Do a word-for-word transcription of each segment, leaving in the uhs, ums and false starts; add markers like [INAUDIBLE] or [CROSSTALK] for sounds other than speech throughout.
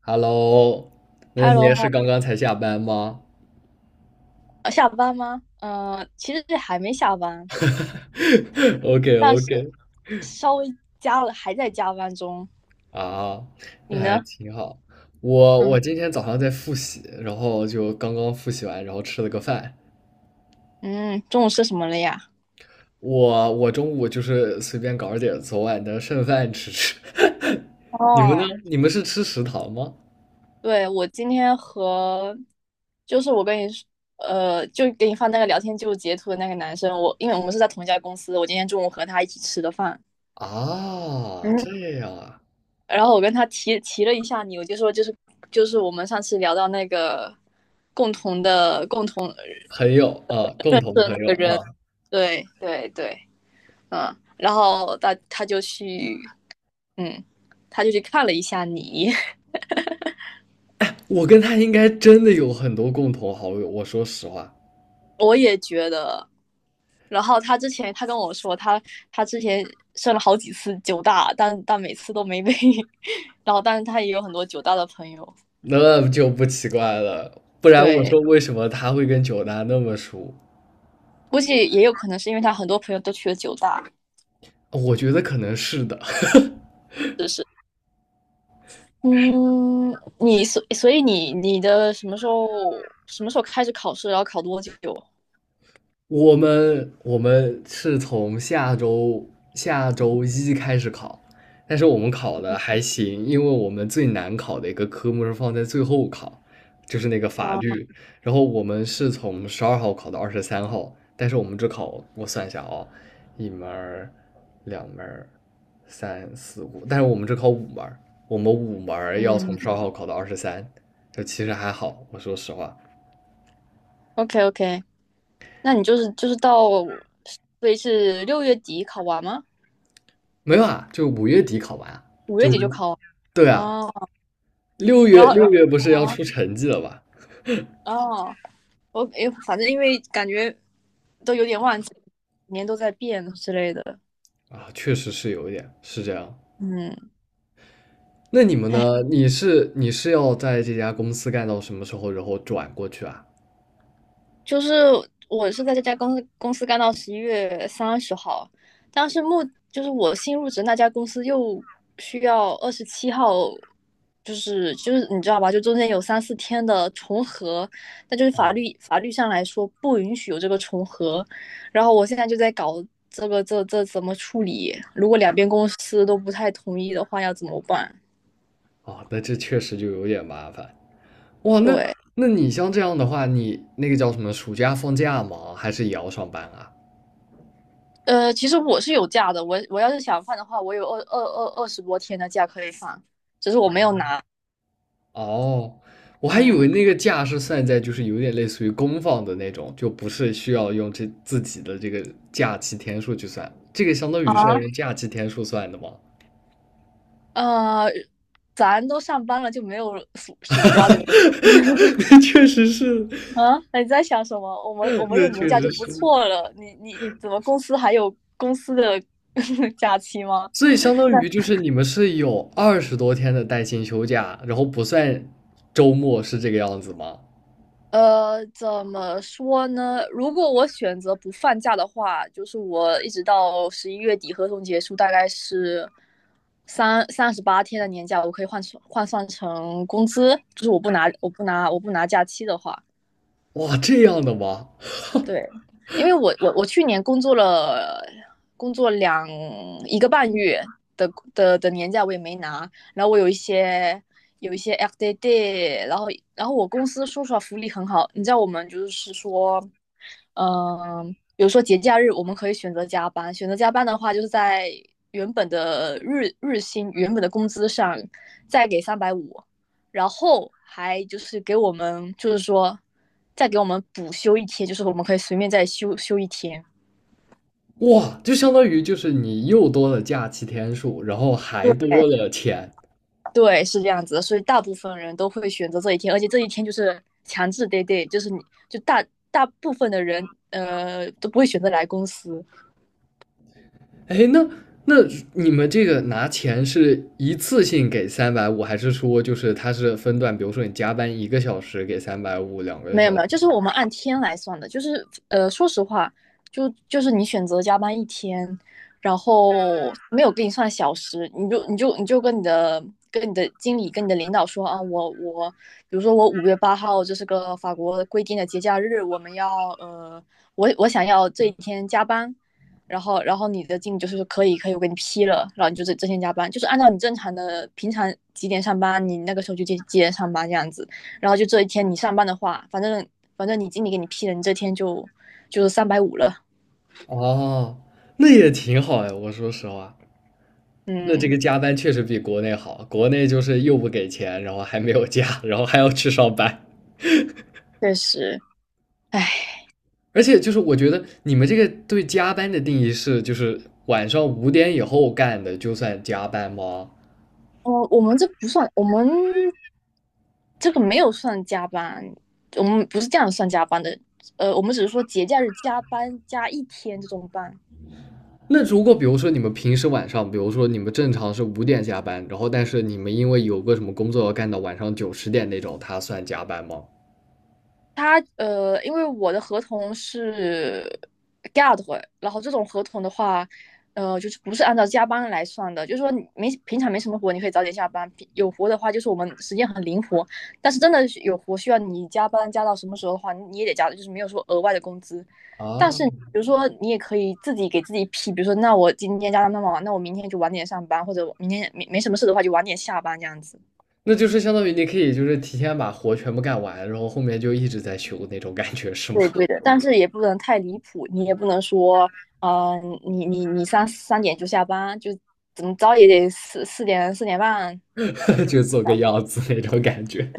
Hello，那 h 你喽，也是哈，刚刚才下班吗 呃下班吗？嗯，其实还没下班，[LAUGHS]？OK 但是 OK，稍微加了，还在加班中。啊，那你还呢？挺好。我嗯哼。我今天早上在复习，然后就刚刚复习完，然后吃了个饭。嗯，中午吃什么了呀？我我中午就是随便搞了点昨晚的剩饭吃吃。[LAUGHS] 你们呢？哦，你们是吃食堂吗？对，我今天和，就是我跟你说，呃，就给你发那个聊天记录截图的那个男生，我因为我们是在同一家公司，我今天中午和他一起吃的饭。啊，嗯，这样啊，然后我跟他提提了一下你，我就说就是就是我们上次聊到那个共同的共同的朋友啊，共那同朋个，友啊，对对对。嗯，然后他他就去，嗯，他就去看了一下你，[LAUGHS] 我跟他应该真的有很多共同好友。我说实话。我也觉得。然后他之前他跟我说，他他之前上了好几次九大，但但每次都没被。然后，但是他也有很多九大的朋友，那就不奇怪了，不然我对，说为什么他会跟九大那么熟？估计也有可能是因为他很多朋友都去了九大，是我觉得可能是的。不是？嗯，你所所以你你的什么时候什么时候开始考试，然后考多久？我们我们是从下周下周一开始考，但是我们考的还行，因为我们最难考的一个科目是放在最后考，就是那个法啊，律。然后我们是从十二号考到二十三号，但是我们只考，我算一下啊、一门儿两门儿三四五，但是我们只考五门儿，我们五门儿要从嗯十二号考到二十三，就其实还好，我说实话。，OK OK，那你就是就是到，所以是六月底考完吗？没有啊，就五月底考完啊，五就月底就考完。对啊，哦，六然月后六然月不是要后出成绩了吧？哦，我哎，反正因为感觉都有点忘记，每年都在变之类的，啊，确实是有一点是这样。嗯，那你们哎，呢？你是你是要在这家公司干到什么时候，然后转过去啊？就是我是在这家公司公司干到十一月三十号，但是目就是我新入职那家公司又需要二十七号，就是就是你知道吧，就中间有三四天的重合，那就是法律法律上来说不允许有这个重合，然后我现在就在搞这个这这怎么处理，如果两边公司都不太同意的话要怎么办？哦，那这确实就有点麻烦。哇，那对。那你像这样的话，你那个叫什么，暑假放假吗？还是也要上班啊？呃，其实我是有假的，我我要是想放的话，我有二二二二十多天的假可以放，只是我没有拿。哦，我还以为嗯，那个假是算在就是有点类似于公放的那种，就不是需要用这自己的这个假期天数去算，这个相当于是要啊，用假期天数算的吗？呃，咱都上班了，就没有暑暑假这个东西。 [LAUGHS] [LAUGHS] 那确实是，啊？你在想什么？我们我们那有年确假就实不是，错了，你你怎么公司还有公司的 [LAUGHS] 假期吗？所以相当于就是你们是有二十多天的带薪休假，然后不算周末，是这个样子吗？呃，怎么说呢？如果我选择不放假的话，就是我一直到十一月底合同结束，大概是三三十八天的年假，我可以换算换算成工资，就是我不拿我不拿我不拿假期的话，哇，这样的吗？对，因为我我我去年工作了工作两一个半月的的的年假我也没拿，然后我有一些有一些 F d a d， 然后然后我公司说实话福利很好，你知道我们就是说，嗯、比如说节假日我们可以选择加班，选择加班的话就是在原本的日日薪原本的工资上再给三百五，然后还就是给我们就是说再给我们补休一天，就是我们可以随便再休休一天。哇，就相当于就是你又多了假期天数，然后还对多了钱。对，是这样子的，所以大部分人都会选择这一天，而且这一天就是强制 day day，就是你就大大部分的人呃都不会选择来公司。哎，那那你们这个拿钱是一次性给三百五，还是说就是他是分段？比如说你加班一个小时给三百五，两个没有小没时。有，就是我们按天来算的，就是呃，说实话，就就是你选择加班一天，然后没有给你算小时，你就你就你就跟你的跟你的经理跟你的领导说啊，我我比如说我五月八号这是个法国规定的节假日，我们要呃，我我想要这一天加班，然后然后你的经理就是说可以可以，我给你批了，然后你就这这天加班，就是按照你正常的平常几点上班，你那个时候就几几点上班这样子。然后就这一天你上班的话，反正反正你经理给你批了，你这天就就是三百五了。哦，那也挺好呀。我说实话，那这嗯，个加班确实比国内好。国内就是又不给钱，然后还没有假，然后还要去上班。确实，哎，而且就是我觉得你们这个对加班的定义是，就是晚上五点以后干的就算加班吗？我我们这不算，我们这个没有算加班，我们不是这样算加班的。呃，我们只是说节假日加班加一天这种班，那如果比如说你们平时晚上，比如说你们正常是五点下班，然后但是你们因为有个什么工作要干到晚上九十点那种，它算加班吗？他呃，因为我的合同是 g u a r， 然后这种合同的话，呃，就是不是按照加班来算的，就是说你没平常没什么活，你可以早点下班；平有活的话，就是我们时间很灵活。但是真的是有活需要你加班加到什么时候的话，你你也得加，就是没有说额外的工资。但啊，是比如说你也可以自己给自己批，比如说那我今天加班那么晚，那我明天就晚点上班，或者我明天没没什么事的话就晚点下班这样子。那就是相当于你可以就是提前把活全部干完，然后后面就一直在休那种感觉是吗？对，对的，但是也不能太离谱，你也不能说，嗯，你你你三三点就下班，就怎么着也得四四点四点半走。[LAUGHS] 就做个样子那种感觉。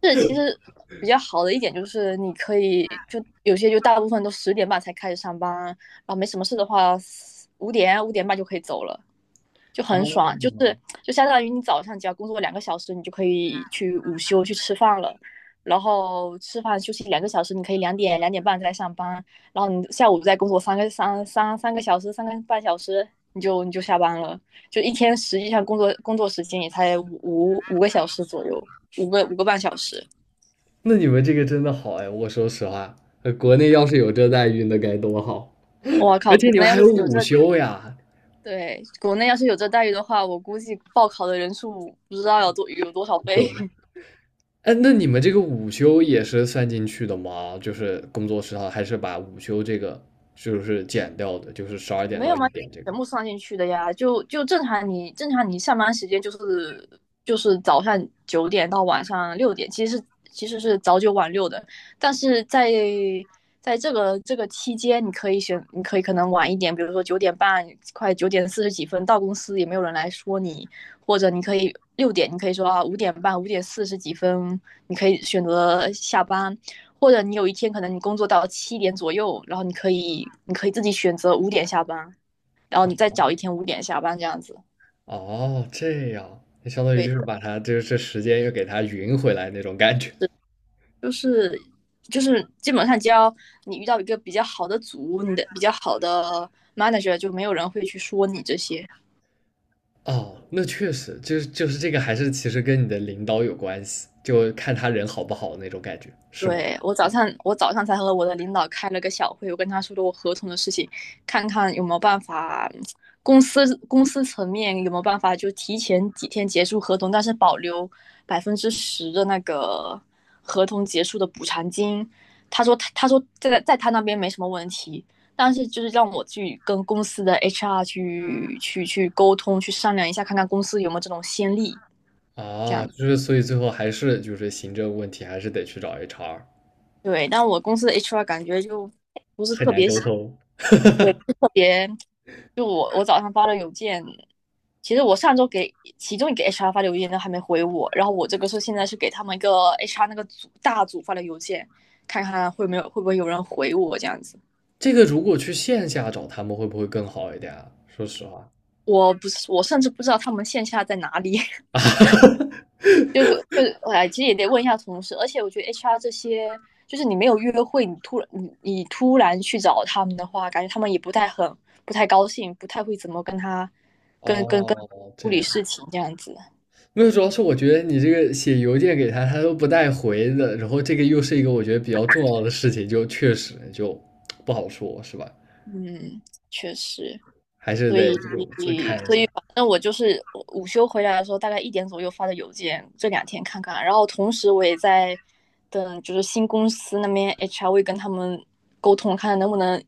就是其实比较好的一点就是你可以就有些就大部分都十点半才开始上班，然后没什么事的话，五点五点半就可以走了。就啊，很爽，就是就相当于你早上只要工作两个小时，你就可以去午休去吃饭了，然后吃饭休息两个小时，你可以两点两点半再上班，然后你下午再工作三个三三三个小时三个半小时，你就你就下班了，就一天实际上工作工作时间也才五五个小时左右，五个五个半小时。那你们这个真的好哎，我说实话，呃国内要是有这待遇，那该多好！我靠，而且国你们内要还有是有这午休呀，对，国内要是有这待遇的话，我估计报考的人数不知道有多有多少倍。懂吗？哎，那你们这个午休也是算进去的吗？就是工作时长，还是把午休这个就是减掉的，就是十二点没到有一吗？点这全个？部算进去的呀，就就正常你正常你上班时间就是就是早上九点到晚上六点，其实是其实是早九晚六的，但是在在这个这个期间，你可以选，你可以可能晚一点，比如说九点半，快九点四十几分到公司也没有人来说你，或者你可以六点，你可以说啊五点半、五点四十几分，你可以选择下班，或者你有一天可能你工作到七点左右，然后你可以你可以自己选择五点下班。然后你再找一天五点下班这样子。哦，这样，那相当于对就是的，把它这这时间又给它匀回来那种感觉。就是就是基本上只要你遇到一个比较好的组，你的比较好的 manager，就没有人会去说你这些。哦，那确实，就是就是这个还是其实跟你的领导有关系，就看他人好不好那种感觉，是吗？对，我早上，我早上才和我的领导开了个小会，我跟他说了我合同的事情，看看有没有办法，公司公司层面有没有办法就提前几天结束合同，但是保留百分之十的那个合同结束的补偿金。他说他他说在在他那边没什么问题，但是就是让我去跟公司的 H R 去去去沟通，去商量一下，看看公司有没有这种先例，这啊，样。就是所以最后还是就是行政问题，还是得去找 H R,对，但我公司的 H R 感觉就不是很特难别。沟通。就我我早上发的邮件，其实我上周给其中一个 H R 发的邮件都还没回我，然后我这个是现在是给他们一个 H R 那个组大组发的邮件，看看会没有会不会有人回我这样子。这个如果去线下找他们会不会更好一点啊？说实话。我不是，我甚至不知道他们线下在哪里，[LAUGHS] 就个就哎，其实也得问一下同事。而且我觉得 H R 这些，就是你没有约会，你突然你你突然去找他们的话，感觉他们也不太很不太高兴，不太会怎么跟他跟跟跟哦，处这理样，事情这样子。没有，主要是我觉得你这个写邮件给他，他都不带回的，然后这个又是一个我觉得比较重要的事情，就确实就不好说，是吧？嗯，确实，还是所得以这个再看一下。那我就是午休回来的时候，大概一点左右发的邮件，这两天看看。然后同时我也在等，就是新公司那边 H R 会跟他们沟通，看能不能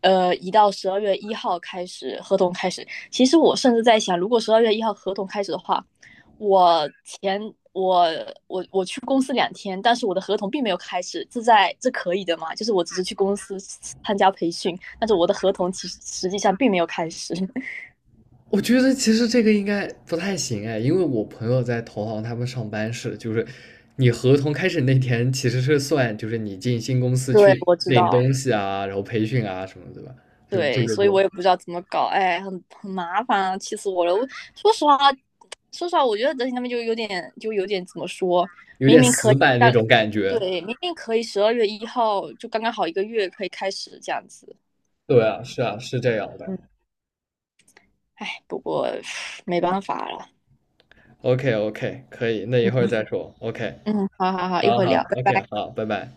呃移到十二月一号开始合同开始。其实我甚至在想，如果十二月一号合同开始的话，我前我我我去公司两天，但是我的合同并没有开始，这在这可以的吗？就是我只是去公司参加培训，但是我的合同其实实际上并没有开始。[LAUGHS] 我觉得其实这个应该不太行哎，因为我朋友在投行，他们上班是就是你合同开始那天其实是算就是你进新公司对，去我知领道。东西啊，然后培训啊什么，对吧？就这对，个所以就我也不知道怎么搞，哎，很很麻烦啊，气死我了！我说实话，说实话，我觉得德勤他们就有点，就有点怎么说，有明点明可死以，板那但种感觉。对，明明可以十二月一号就刚刚好一个月可以开始这样子，对啊，是啊，是这样的。嗯，哎，不过没办法了，OK OK,可以，那一会儿嗯再说。OK,嗯，好好好，一好会儿好聊，拜，OK,拜。好，拜拜。